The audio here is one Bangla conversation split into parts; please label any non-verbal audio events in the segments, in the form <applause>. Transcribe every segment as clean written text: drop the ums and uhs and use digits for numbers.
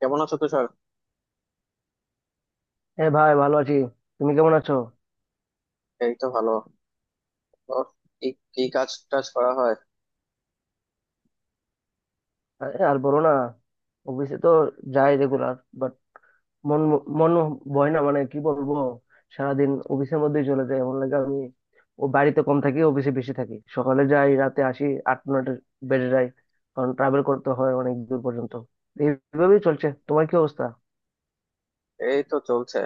কেমন আছো, তুষার? হ্যাঁ ভাই, ভালো আছি। তুমি কেমন আছো? এই তো ভালো। ওর কি কি কাজ টাজ করা হয়? আরে আর বলো না, অফিসে তো যাই রেগুলার, বাট মন মন বয় না, মানে কি বলবো। সারাদিন অফিসের মধ্যেই চলে যায়, এমন লাগে। আমি ও বাড়িতে কম থাকি, অফিসে বেশি থাকি, সকালে যাই রাতে আসি, 8-9টা বেজে যায়, কারণ ট্রাভেল করতে হয় অনেক দূর পর্যন্ত। এইভাবেই চলছে। তোমার কি অবস্থা? এই তো চলছে।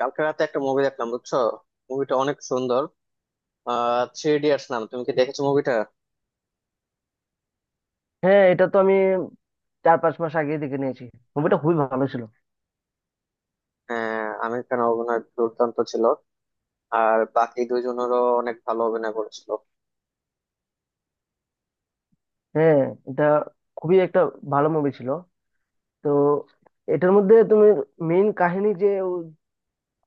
কালকে রাতে একটা মুভি দেখলাম, বুঝছো, মুভিটা অনেক সুন্দর। থ্রি ইডিয়টস নাম, তুমি কি দেখেছো মুভিটা? হ্যাঁ, এটা তো আমি 4-5 মাস আগে দেখে নিয়েছি, মুভিটা খুবই ভালো ছিল। হ্যাঁ, আমির খান অভিনয় দুর্দান্ত ছিল। আর বাকি দুইজনেরও অনেক ভালো অভিনয় করেছিল। হ্যাঁ, এটা খুবই একটা ভালো মুভি ছিল। তো এটার মধ্যে তুমি, মেইন কাহিনী যে ও,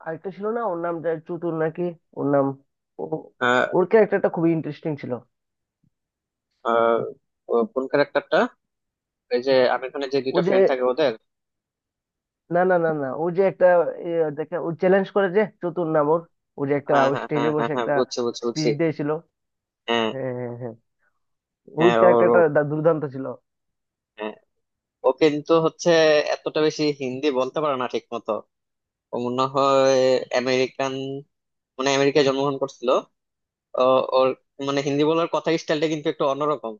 আরেকটা ছিল না ওর নাম চতুর নাকি ওর নাম, ও, আহ ওর ক্যারেক্টারটা খুবই ইন্টারেস্টিং ছিল। আহ, ও কোন ক্যারেক্টারটা? এই যে আমির খানের যে ও দুইটা যে, ফ্রেন্ড থাকে ওদের? না না না না, ও যে একটা এ, দেখে ও চ্যালেঞ্জ করে, যে চতুর নাম ওর, ও যে একটা হ্যাঁ হ্যাঁ স্টেজে হ্যাঁ হ্যাঁ বসে হ্যাঁ, একটা বুঝছি বুঝছি বুঝছি। স্পিচ দিয়েছিল। হ্যাঁ হ্যাঁ হ্যাঁ হ্যাঁ, ওর হ্যাঁ, ওর ও। ক্যারেক্টারটা দুর্দান্ত ছিল। হ্যাঁ, ও কিন্তু হচ্ছে এতটা বেশি হিন্দি বলতে পারে না ঠিক মতো। ও মনে হয় আমেরিকান, মানে আমেরিকায় জন্মগ্রহণ করছিল। ও ওর, মানে হিন্দি বলার কথার স্টাইলটা কিন্তু একটু অন্যরকম।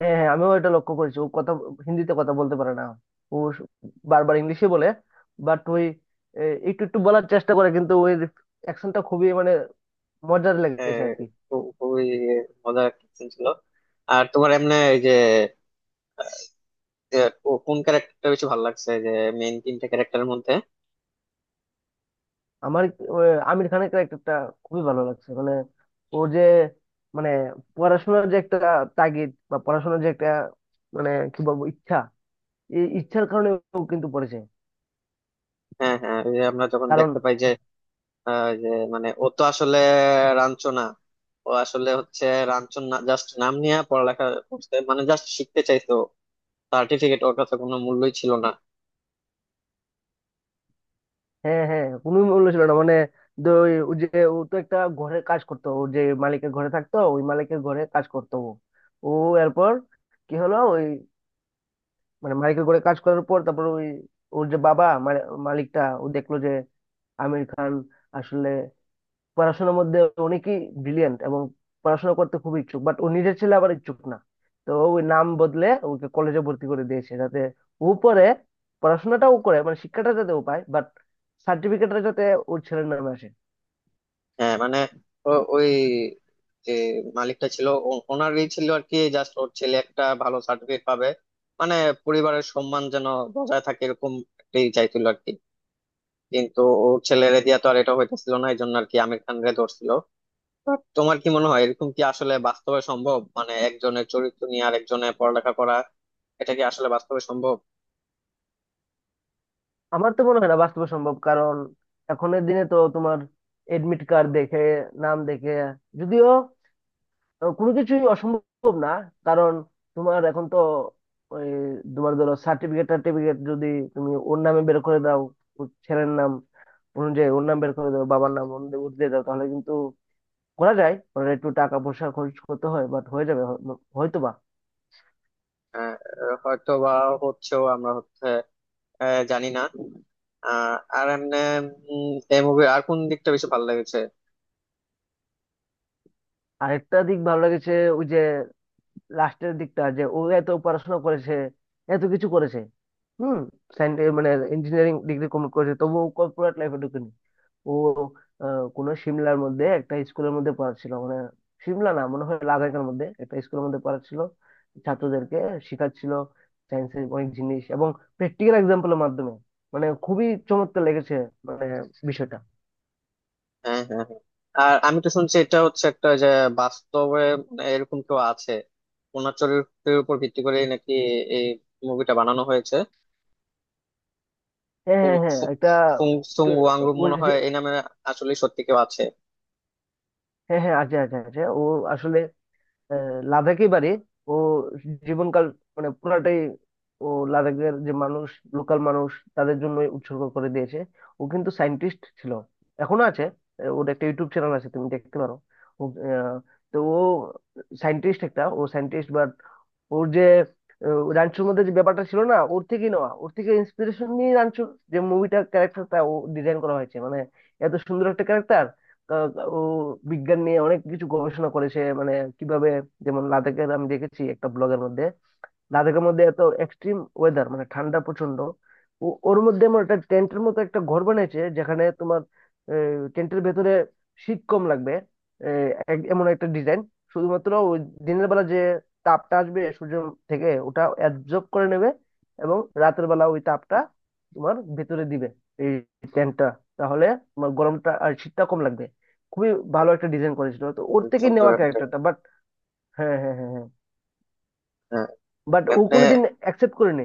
হ্যাঁ হ্যাঁ, আমিও এটা লক্ষ্য করেছি, ও কথা হিন্দিতে কথা বলতে পারে না, ও স- বারবার ইংলিশে বলে। বাট ওই এ, একটু একটু বলার চেষ্টা করে, কিন্তু ওই অ্যাকশনটা খুবই মানে মজার লেগেছে আহ, আর কি। খুবই মজার একটা ছিল। আর তোমার এমনি এই যে, যে কোন ক্যারেক্টারটা বেশি ভালো লাগছে যে, মেইন তিনটা ক্যারেক্টারের মধ্যে? আমার ও, আমির খানের ক্যারেক্টারটা খুবই ভালো লাগছে, মানে ও যে মানে পড়াশোনার যে একটা তাগিদ, বা পড়াশোনার যে একটা মানে কি বলবো ইচ্ছা, এই ইচ্ছার কারণে ও কিন্তু পড়েছে। হ্যাঁ হ্যাঁ, ওই যে আমরা যখন কারণ দেখতে পাই যে, যে মানে ও তো আসলে রাঞ্চো না, ও আসলে হচ্ছে রাঞ্চো না, জাস্ট নাম নিয়ে পড়ালেখা করছে, মানে জাস্ট শিখতে চাইতো। সার্টিফিকেট ওর কাছে কোনো মূল্যই ছিল না। হ্যাঁ হ্যাঁ, কোনো মূল্য ছিল না, মানে ও যে ও তো একটা ঘরে কাজ করতো, ও যে মালিকের ঘরে থাকতো, ওই মালিকের ঘরে কাজ করতো ও। ও এরপর কি হলো, ওই মানে মালিকের ঘরে কাজ করার পর তারপর ওই ওর যে বাবা মানে মালিকটা ও দেখলো যে আমির খান আসলে পড়াশোনার মধ্যে অনেকই ব্রিলিয়েন্ট এবং পড়াশোনা করতে খুব ইচ্ছুক, বাট ও নিজের ছেলে আবার ইচ্ছুক না। তো ও ওই নাম বদলে ওকে কলেজে ভর্তি করে দিয়েছে, যাতে ও পরে পড়াশোনাটাও করে, মানে শিক্ষাটা যাতে ও পায়, বাট সার্টিফিকেটটা যাতে ওর ছেলের নামে আসে। হ্যাঁ মানে ওই যে মালিকটা ছিল, ওনারই ছিল আর কি, জাস্ট ওর ছেলে একটা ভালো সার্টিফিকেট পাবে, মানে পরিবারের সম্মান যেন বজায় থাকে, এরকম একটাই চাইছিল আর কি। কিন্তু ওর ছেলেরে দিয়া তো আর এটা হইতেছিল না, এই জন্য আর কি আমির খান রে ধরছিল। But তোমার কি মনে হয় এরকম কি আসলে বাস্তবে সম্ভব, মানে একজনের চরিত্র নিয়ে আর একজনের পড়ালেখা করা, এটা কি আসলে বাস্তবে সম্ভব? আমার তো মনে হয় না বাস্তবে সম্ভব, কারণ এখনের দিনে তো তোমার এডমিট কার্ড দেখে, নাম দেখে, যদিও কোনো কিছুই অসম্ভব না। কারণ তোমার এখন তো ওই তোমার ধরো সার্টিফিকেট টার্টিফিকেট যদি তুমি ওর নামে বের করে দাও, ওর ছেলের নাম অনুযায়ী ওর নাম বের করে দাও, বাবার নাম অনুযায়ী ওর দিয়ে দাও, তাহলে কিন্তু করা যায়, ওরা একটু টাকা পয়সা খরচ করতে হয়, বাট হয়ে যাবে। হয়তো বা। আহ হয়তো বা হচ্ছেও, আমরা হচ্ছে, জানি না। আহ, আর এমনি এই মুভির আর কোন দিকটা বেশি ভালো লেগেছে? আরেকটা দিক ভালো লেগেছে, ওই যে লাস্টের দিকটা যে ও এত পড়াশোনা করেছে, এত কিছু করেছে, হুম, সায়েন্স মানে ইঞ্জিনিয়ারিং ডিগ্রি কমপ্লিট করেছে, তবুও কর্পোরেট লাইফে ঢুকেনি। ও কোনো সিমলার মধ্যে একটা স্কুলের মধ্যে পড়াচ্ছিল, মানে সিমলা না মনে হয়, লাদাখের মধ্যে একটা স্কুলের মধ্যে পড়াচ্ছিল, ছাত্রদেরকে শেখাচ্ছিল সায়েন্সের অনেক জিনিস এবং প্র্যাকটিক্যাল এক্সাম্পলের মাধ্যমে। মানে খুবই চমৎকার লেগেছে মানে বিষয়টা। হ্যাঁ হ্যাঁ হ্যাঁ। আর আমি তো শুনছি এটা হচ্ছে একটা যে বাস্তবে, মানে এরকম কেউ আছে ওনার চরিত্রের উপর ভিত্তি করে নাকি এই মুভিটা বানানো হয়েছে। হ্যাঁ ফুং হ্যাঁ হ্যাঁ, ফুং- একটা ফুং- সুং ওয়াংরু ওর মনে হয় যে- এই নামে, আসলে সত্যি কেউ আছে? হ্যাঁ হ্যাঁ, আছে আছে আছে, ও আসলে লাদাখই বাড়ি। ও জীবনকাল মানে পুরাটাই ও লাদাখের যে মানুষ, লোকাল মানুষ, তাদের জন্য উৎসর্গ করে দিয়েছে। ও কিন্তু সায়েন্টিস্ট ছিল, এখনো আছে। ওর একটা ইউটিউব চ্যানেল আছে, তুমি দেখতে পারো। ও, আহ, তো ও সায়েন্টিস্ট একটা, ও সায়েন্টিস্ট বা ওর যে রাঞ্চুর মধ্যে যে ব্যাপারটা ছিল না, ওর থেকে নেওয়া, ওর থেকে ইন্সপিরেশন নিয়ে রাঞ্চুর যে মুভিটা ক্যারেক্টারটা ও ডিজাইন করা হয়েছে, মানে এত সুন্দর একটা ক্যারেক্টার। ও বিজ্ঞান নিয়ে অনেক কিছু গবেষণা করেছে, মানে কিভাবে, যেমন লাদাখের আমি দেখেছি একটা ব্লগের মধ্যে, লাদাখের মধ্যে এত এক্সট্রিম ওয়েদার, মানে ঠান্ডা প্রচন্ড, ওর মধ্যে আমার একটা টেন্টের মতো একটা ঘর বানিয়েছে, যেখানে তোমার টেন্টের ভেতরে শীত কম লাগবে। এমন একটা ডিজাইন, শুধুমাত্র ওই দিনের বেলা যে তাপটা আসবে সূর্য থেকে, ওটা অ্যাবজর্ব করে নেবে এবং রাতের বেলা ওই তাপটা তোমার ভেতরে দিবে এই টেন্টটা, তাহলে তোমার গরমটা আর শীতটা কম লাগবে। খুবই ভালো হ্যাঁ, একটা ডিজাইন করেছিল, তো ওর খুবই থেকেই সুন্দর নেওয়া একটা। ক্যারেক্টারটা। বাট হ্যাঁ হ্যাঁ হ্যাঁ হ্যাঁ, হ্যাঁ। বাট ও এমনি কোনোদিন অ্যাকসেপ্ট করেনি।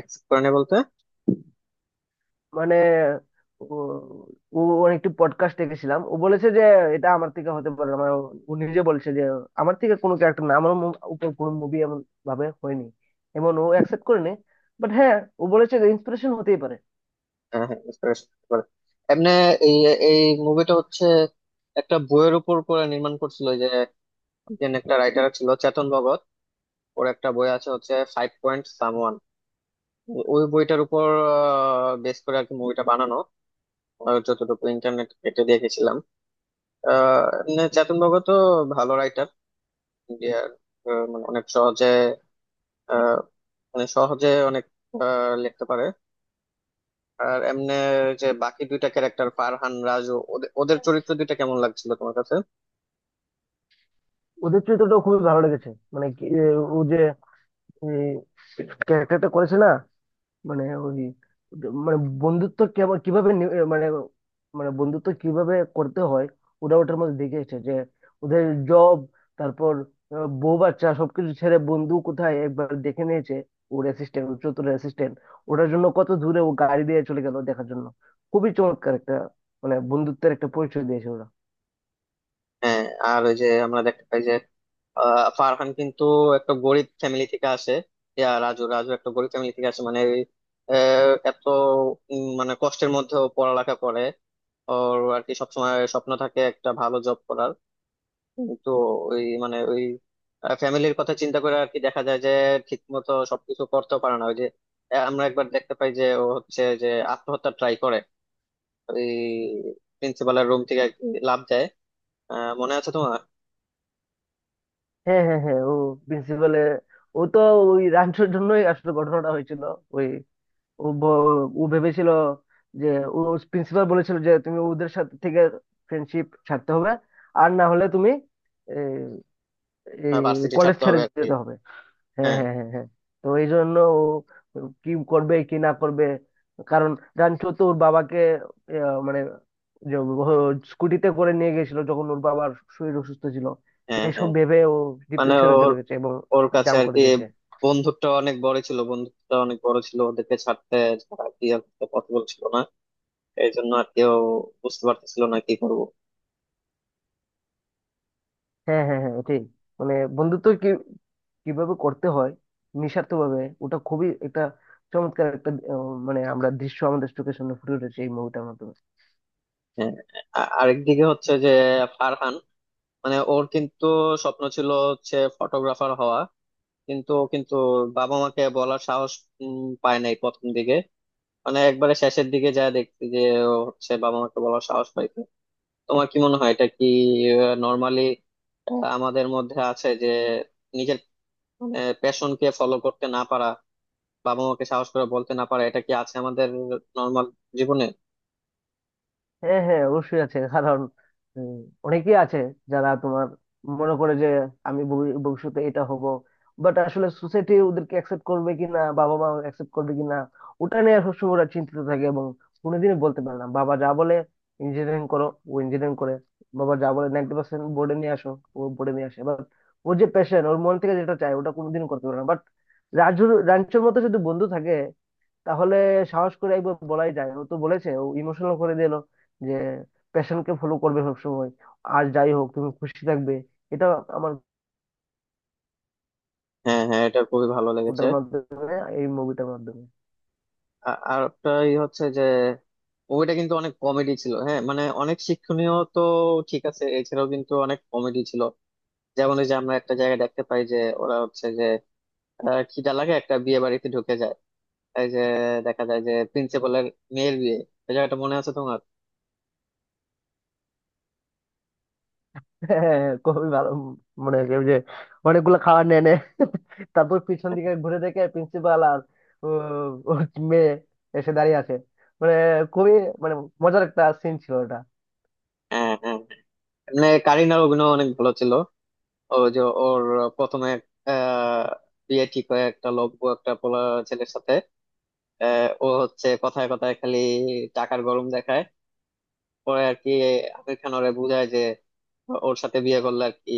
এক্সেপ্ট করে নি বলতে? মানে ও ও ওর একটি পডকাস্ট দেখেছিলাম, ও বলেছে যে এটা আমার থেকে হতে পারে না। মানে ও, ও নিজে বলছে যে আমার থেকে কোনো ক্যারেক্টার না, আমার উপর কোনো মুভি এমন ভাবে হয়নি, এমন ও অ্যাকসেপ্ট করেনি। বাট হ্যাঁ, ও বলেছে যে ইন্সপিরেশন হতেই পারে। হ্যাঁ হ্যাঁ inspiration করে। এমনি এই এই মুভিটা হচ্ছে একটা বইয়ের উপর করে নির্মাণ করছিল। ইন্ডিয়ান একটা রাইটার ছিল, চেতন ভগত, ওর একটা বই আছে হচ্ছে ফাইভ পয়েন্ট সামওয়ান, ওই বইটার উপর বেস করে আর কি মুভিটা বানানো, যতটুকু ইন্টারনেট কেটে দেখেছিলাম। এমনি চেতন ভগত ভালো রাইটার ইন্ডিয়ার, মানে অনেক সহজে, আহ, মানে সহজে অনেক লিখতে পারে। আর এমনি যে বাকি দুইটা ক্যারেক্টার ফারহান রাজু, ওদের ওদের চরিত্র দুইটা কেমন লাগছিল তোমার কাছে? ওদের চরিত্রটা খুবই ভালো লেগেছে, মানে ও যে ক্যারেক্টারটা করেছে না, মানে ওই মানে বন্ধুত্ব কেমন, মানে মানে বন্ধুত্ব কিভাবে করতে হয়, ওরা ওটার মধ্যে দেখে এসেছে। যে ওদের জব তারপর বউ বাচ্চা সবকিছু ছেড়ে বন্ধু কোথায় একবার দেখে নিয়েছে, ওর অ্যাসিস্ট্যান্ট, ওর চতুর অ্যাসিস্ট্যান্ট, ওটার জন্য কত দূরে ও গাড়ি দিয়ে চলে গেল দেখার জন্য। খুবই চমৎকার একটা মানে বন্ধুত্বের একটা পরিচয় দিয়েছে ওরা। হ্যাঁ। আর ওই যে আমরা দেখতে পাই যে, ফারহান কিন্তু একটা গরিব ফ্যামিলি থেকে আসে, ইয়া রাজু রাজু একটা গরিব ফ্যামিলি থেকে আসে, মানে এত মানে কষ্টের মধ্যেও পড়ালেখা করে। ওর আর কি সবসময় স্বপ্ন থাকে একটা ভালো জব করার, কিন্তু ওই মানে ওই ফ্যামিলির কথা চিন্তা করে আর কি দেখা যায় যে ঠিক মতো সবকিছু করতেও পারে না। ওই যে আমরা একবার দেখতে পাই যে ও হচ্ছে যে আত্মহত্যা ট্রাই করে, ওই প্রিন্সিপালের রুম থেকে আর কি লাফ দেয়, মনে আছে তোমার? হ্যাঁ হ্যাঁ হ্যাঁ, ও প্রিন্সিপালে, ও তো ওই রাঞ্চোর জন্যই আসলে ঘটনাটা হয়েছিল। ওই ও ব- ও ভেবেছিল যে ও প্রিন্সিপাল বলেছিল যে তুমি ওদের সাথে থেকে ফ্রেন্ডশিপ ছাড়তে হবে, আর না হলে তুমি ভার্সিটি কলেজ ছাড়তে ছেড়ে হবে আর কি। যেতে হবে। হ্যাঁ হ্যাঁ হ্যাঁ হ্যাঁ হ্যাঁ, তো এই জন্য ও কি করবে কি না করবে, কারণ রানচো তো ওর বাবাকে মানে যে স্কুটিতে করে নিয়ে গেছিল যখন ওর বাবার শরীর অসুস্থ ছিল। হ্যাঁ এইসব হ্যাঁ। ভেবে ও মানে ডিপ্রেশনে ওর চলে গেছে এবং ওর কাছে জাম আর করে কি দিয়েছে। বন্ধুত্বটা অনেক বড় ছিল, বন্ধুত্বটা অনেক বড় ছিল, ওদেরকে ছাড়তে, ছাড়া কি আর পসিবল ছিল না, এই জন্য আর কেউ বুঝতে পারতেছিল না কি করবো। হ্যাঁ হ্যাঁ হ্যাঁ, এটাই, মানে বন্ধুত্ব কি, কিভাবে করতে হয় নিঃস্বার্থ ভাবে, ওটা খুবই একটা চমৎকার একটা মানে আমরা দৃশ্য আমাদের চোখের সামনে ফুটে উঠেছে এই মুভিটার মাধ্যমে। হ্যাঁ। আরেকদিকে হচ্ছে যে ফারহান, মানে ওর কিন্তু স্বপ্ন ছিল হচ্ছে ফটোগ্রাফার হওয়া, কিন্তু ও কিন্তু বাবা মাকে বলার সাহস পায় নাই প্রথম দিকে। মানে একবারে শেষের দিকে যা দেখছি যে ও হচ্ছে বাবা মাকে বলার সাহস পাই। তোমার কি মনে হয় এটা কি নর্মালি আমাদের মধ্যে আছে যে নিজের প্যাশনকে ফলো করতে না পারা, বাবা মাকে সাহস করে বলতে না পারা, এটা কি আছে আমাদের নর্মাল জীবনে? হ্যাঁ হ্যাঁ, অবশ্যই আছে। কারণ উম, অনেকেই আছে যারা তোমার মনে করে যে আমি ভবিষ্যতে এটা হব, বাট আসলে সোসাইটি ওদেরকে অ্যাকসেপ্ট করবে কিনা, বাবা মা অ্যাকসেপ্ট করবে কিনা, ওটা নিয়ে সবসময় ওরা চিন্তিত থাকে এবং কোনোদিনই বলতে পারে না। বাবা যা বলে ইঞ্জিনিয়ারিং করো, ও ইঞ্জিনিয়ারিং করে। বাবা যা বলে 90% বোর্ডে নিয়ে আসো, ও বোর্ডে নিয়ে আসে, বাট ওর যে প্যাশন, ওর মন থেকে যেটা চায় ওটা কোনোদিন করতে পারে না। বাট রাজুর রাঞ্চোর মতো যদি বন্ধু থাকে, তাহলে সাহস করে একবার বলাই যায়। ও তো বলেছে, ও ইমোশনাল করে দিল যে প্যাশনকে ফলো করবে সবসময়, আর যাই হোক তুমি খুশি থাকবে। এটা আমার হ্যাঁ হ্যাঁ, এটা খুবই ভালো লেগেছে। ওটার মাধ্যমে এই মুভিটার মাধ্যমে। আর একটাই হচ্ছে যে মুভিটা কিন্তু অনেক কমেডি ছিল। হ্যাঁ মানে অনেক শিক্ষণীয় তো ঠিক আছে, এছাড়াও কিন্তু অনেক কমেডি ছিল। যেমন এই যে আমরা একটা জায়গায় দেখতে পাই যে ওরা হচ্ছে যে খিদা লাগে একটা বিয়ে বাড়িতে ঢুকে যায়, এই যে দেখা যায় যে প্রিন্সিপালের মেয়ের বিয়ে, এই জায়গাটা মনে আছে তোমার? <laughs> হ্যাঁ, খুবই ভালো মনে হয়েছে, ওই যে অনেকগুলো খাবার নিয়ে নে, <laughs> তারপর পিছন দিকে ঘুরে দেখে প্রিন্সিপাল আর আহ, ওর মেয়ে এসে দাঁড়িয়ে আছে। মানে খুবই মানে মজার একটা সিন ছিল ওটা। হ্যাঁ হ্যাঁ। মানে কারিনার অভিনয় অনেক ভালো ছিল। ও যে ওর প্রথমে আহ, বিয়ে ঠিক হয় একটা লোক, একটা পোলা, ছেলের সাথে। ও হচ্ছে কথায় কথায় খালি টাকার গরম দেখায়। পরে আর কি আমির খান ওরে বুঝায় যে ওর সাথে বিয়ে করলে আর কি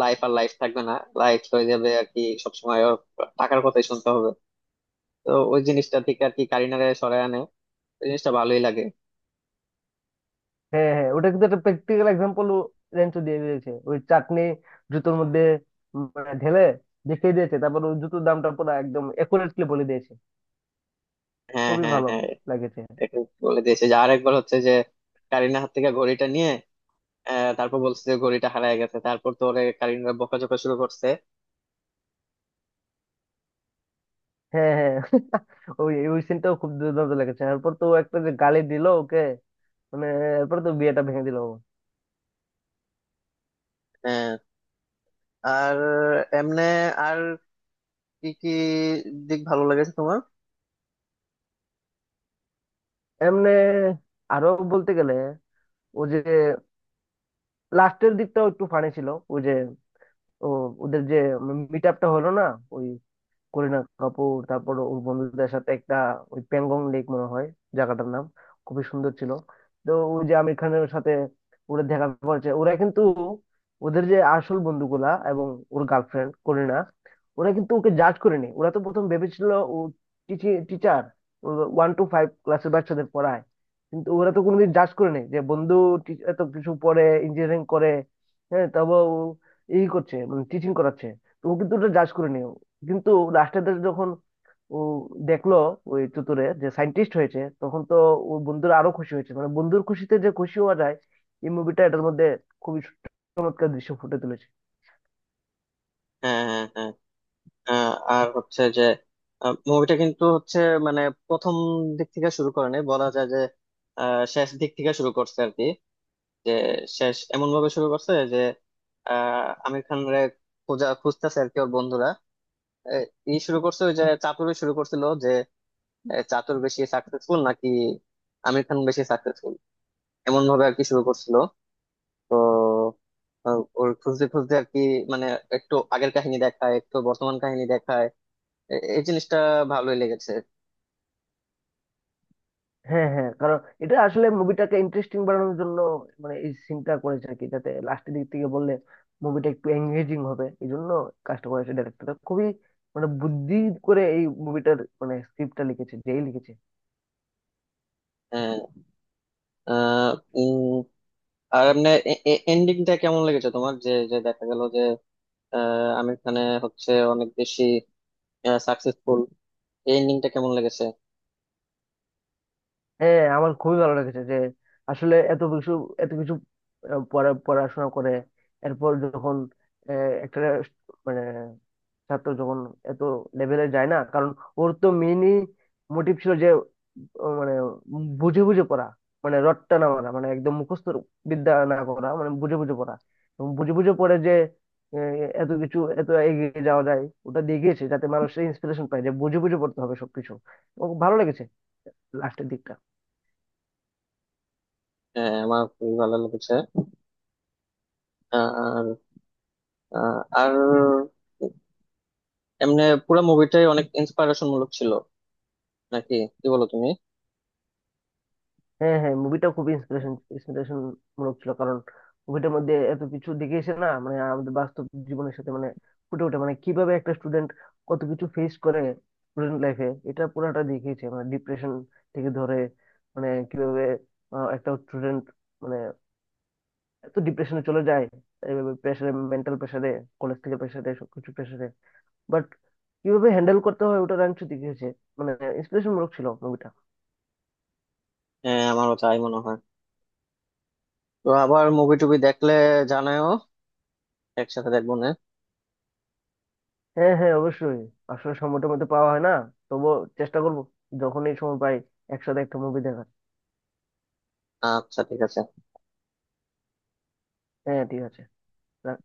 লাইফ আর লাইফ থাকবে না, লাইফ হয়ে যাবে আর কি সবসময় ওর টাকার কথাই শুনতে হবে। তো ওই জিনিসটা থেকে আর কি কারিনারে সরায় আনে, ওই জিনিসটা ভালোই লাগে। হ্যাঁ হ্যাঁ, ওটা কিন্তু একটা প্র্যাকটিক্যাল এক্সাম্পল, রেঞ্চো দিয়ে দিয়েছে ওই চাটনি জুতোর মধ্যে, উম, মানে ঢেলে দেখিয়ে দিয়েছে, তারপর ওই জুতোর দামটা পুরো একদম একুরেটলি বলে দিয়েছে। হ্যাঁ খুবই হ্যাঁ ভালো হ্যাঁ। লাগেছে। এটা বলে দিয়েছে যে আরেকবার হচ্ছে যে কারিনার হাত থেকে ঘড়িটা নিয়ে, তারপর বলছে যে ঘড়িটা হারায় গেছে, তারপর তো ওরে কারিনা বকাঝকা শুরু করছে। হ্যাঁ হ্যাঁ, <laughs> ওই ওই সিনটাও খুব দুর্দান্ত লেগেছে। এরপর তো ও একটা যে গালি দিল ওকে, মানে এরপর তো বিয়েটা ভেঙে দিল ও। আহ, আর এমনে আর কি কি দিক ভালো লেগেছে তোমার? এমনে আরো বলতে গেলে, ও যে লাস্টের দিকটাও একটু ফানি ছিল, ও যে ও ওদের যে মিট আপটা হলো না, ওই করিনা কাপুর তারপর ওর বন্ধুদের সাথে একটা ওই প্যাংগং লেক মনে হয় জায়গাটার নাম, খুবই সুন্দর ছিল। তো ওই যে আমির খানের সাথে ওরা দেখা করেছে, ওরা কিন্তু ওদের যে আসল বন্ধুগুলা এবং ওর গার্লফ্রেন্ড করিনা, ওরা কিন্তু ওকে জাজ করেনি। ওরা তো প্রথম ভেবেছিল ও টিচার, 1 টু 5 ক্লাসের বাচ্চাদের পড়ায়, কিন্তু ওরা তো কোনোদিন জাজ করেনি যে বন্ধু এত কিছু পড়ে ইঞ্জিনিয়ারিং করে, হ্যাঁ তারপর ও এই করছে মানে টিচিং করাচ্ছে, তো ও কিন্তু ওটা জাজ করেনি। কিন্তু লাস্টের দিকে যখন ও দেখলো ওই চতুরে যে সায়েন্টিস্ট হয়েছে, তখন তো ও বন্ধুরা আরো খুশি হয়েছে, মানে বন্ধুর খুশিতে যে খুশি হওয়া যায় এই মুভিটা এটার মধ্যে খুবই চমৎকার দৃশ্য ফুটে তুলেছে। হ্যাঁ হ্যাঁ হ্যাঁ। আর হচ্ছে যে মুভিটা কিন্তু হচ্ছে মানে প্রথম দিক থেকে শুরু করে নাই, বলা যায় যে শেষ দিক থেকে শুরু করছে আর কি। যে শেষ এমন ভাবে শুরু করছে যে আমির খান রে খোঁজা খুঁজতেছে আর কি ওর বন্ধুরা। এ, ই শুরু করছে ওই যে চাতুরে শুরু করছিল যে, চাতুর বেশি সাকসেসফুল নাকি আমির খান বেশি সাকসেসফুল, এমন ভাবে আর কি শুরু করছিল। তো ওর খুঁজতে খুঁজতে আর কি মানে একটু আগের কাহিনী দেখায় একটু বর্তমান কাহিনী দেখায়, এই জিনিসটা ভালোই লেগেছে। হ্যাঁ হ্যাঁ, কারণ এটা আসলে মুভিটাকে ইন্টারেস্টিং বানানোর জন্য, মানে এই সিনটা করেছে আর কি, যাতে লাস্টের দিক থেকে বললে মুভিটা একটু এঙ্গেজিং হবে। এই জন্য কাজটা করেছে ডাইরেক্টরটা খুবই মানে বুদ্ধি করে এই মুভিটার মানে স্ক্রিপ্টটা লিখেছে, যেই লিখেছে। হ্যাঁ। আহ, উম, আর এমনি এন্ডিংটা কেমন লেগেছে তোমার, যে যে দেখা গেল যে আমির খানে হচ্ছে অনেক বেশি সাকসেসফুল, এই এন্ডিংটা কেমন লেগেছে? হ্যাঁ হ্যাঁ, আমার খুবই ভালো লেগেছে যে আসলে এত কিছু, এত কিছু পড়াশোনা করে, এরপর যখন একটা মানে ছাত্র যখন এত লেভেলে যায় না, কারণ ওর তো মেইনই মোটিভ ছিল যে ও মানে বুঝে বুঝে পড়া, মানে রটটা না মারা, মানে একদম মুখস্থ বিদ্যা না করা, মানে বুঝে বুঝে পড়া, এবং বুঝে বুঝে পড়ে যে আহ, এত কিছু এত এগিয়ে যাওয়া যায়। ওটা দেখিয়েছে যাতে মানুষের ইন্সপিরেশন পায় যে বুঝে বুঝে পড়তে হবে সবকিছু। ও ভালো লেগেছে লাস্টের দিকটা। হ্যাঁ, আমার খুবই ভালো লেগেছে। আর আর এমনি পুরো মুভিটাই অনেক ইন্সপিরেশন মূলক ছিল নাকি, কি বলো তুমি? হ্যাঁ হ্যাঁ, মুভিটা খুব ইন্সপিরেশন ইন্সপিরেশন মূলক ছিল, কারণ মুভিটার মধ্যে এত কিছু দেখে এসে না, মানে আমাদের বাস্তব জীবনের সাথে মানে ফুটে ওঠে মানে কিভাবে একটা স্টুডেন্ট কত কিছু ফেস করে স্টুডেন্ট লাইফে, এটা পুরাটা দেখিয়েছে। মানে ডিপ্রেশন থেকে ধরে, মানে কিভাবে একটা স্টুডেন্ট মানে এত ডিপ্রেশনে চলে যায়, এইভাবে প্রেশারে, মেন্টাল প্রেশারে, কলেজ থেকে প্রেশারে, সবকিছু প্রেশারে, বাট কিভাবে হ্যান্ডেল করতে হয় ওটা রাঞ্চু দেখিয়েছে, মানে ইন্সপিরেশন মূলক ছিল মুভিটা। হ্যাঁ আমারও তাই মনে হয়। তো আবার মুভি টুবি দেখলে জানাও, একসাথে দেখবো না। হ্যাঁ হ্যাঁ অবশ্যই, আসলে সময়টার মধ্যে পাওয়া হয় না, তবুও চেষ্টা করবো যখনই সময় পাই একসাথে একটা মুভি দেখার। আচ্ছা ঠিক আছে হ্যাঁ ঠিক আছে, রাখ।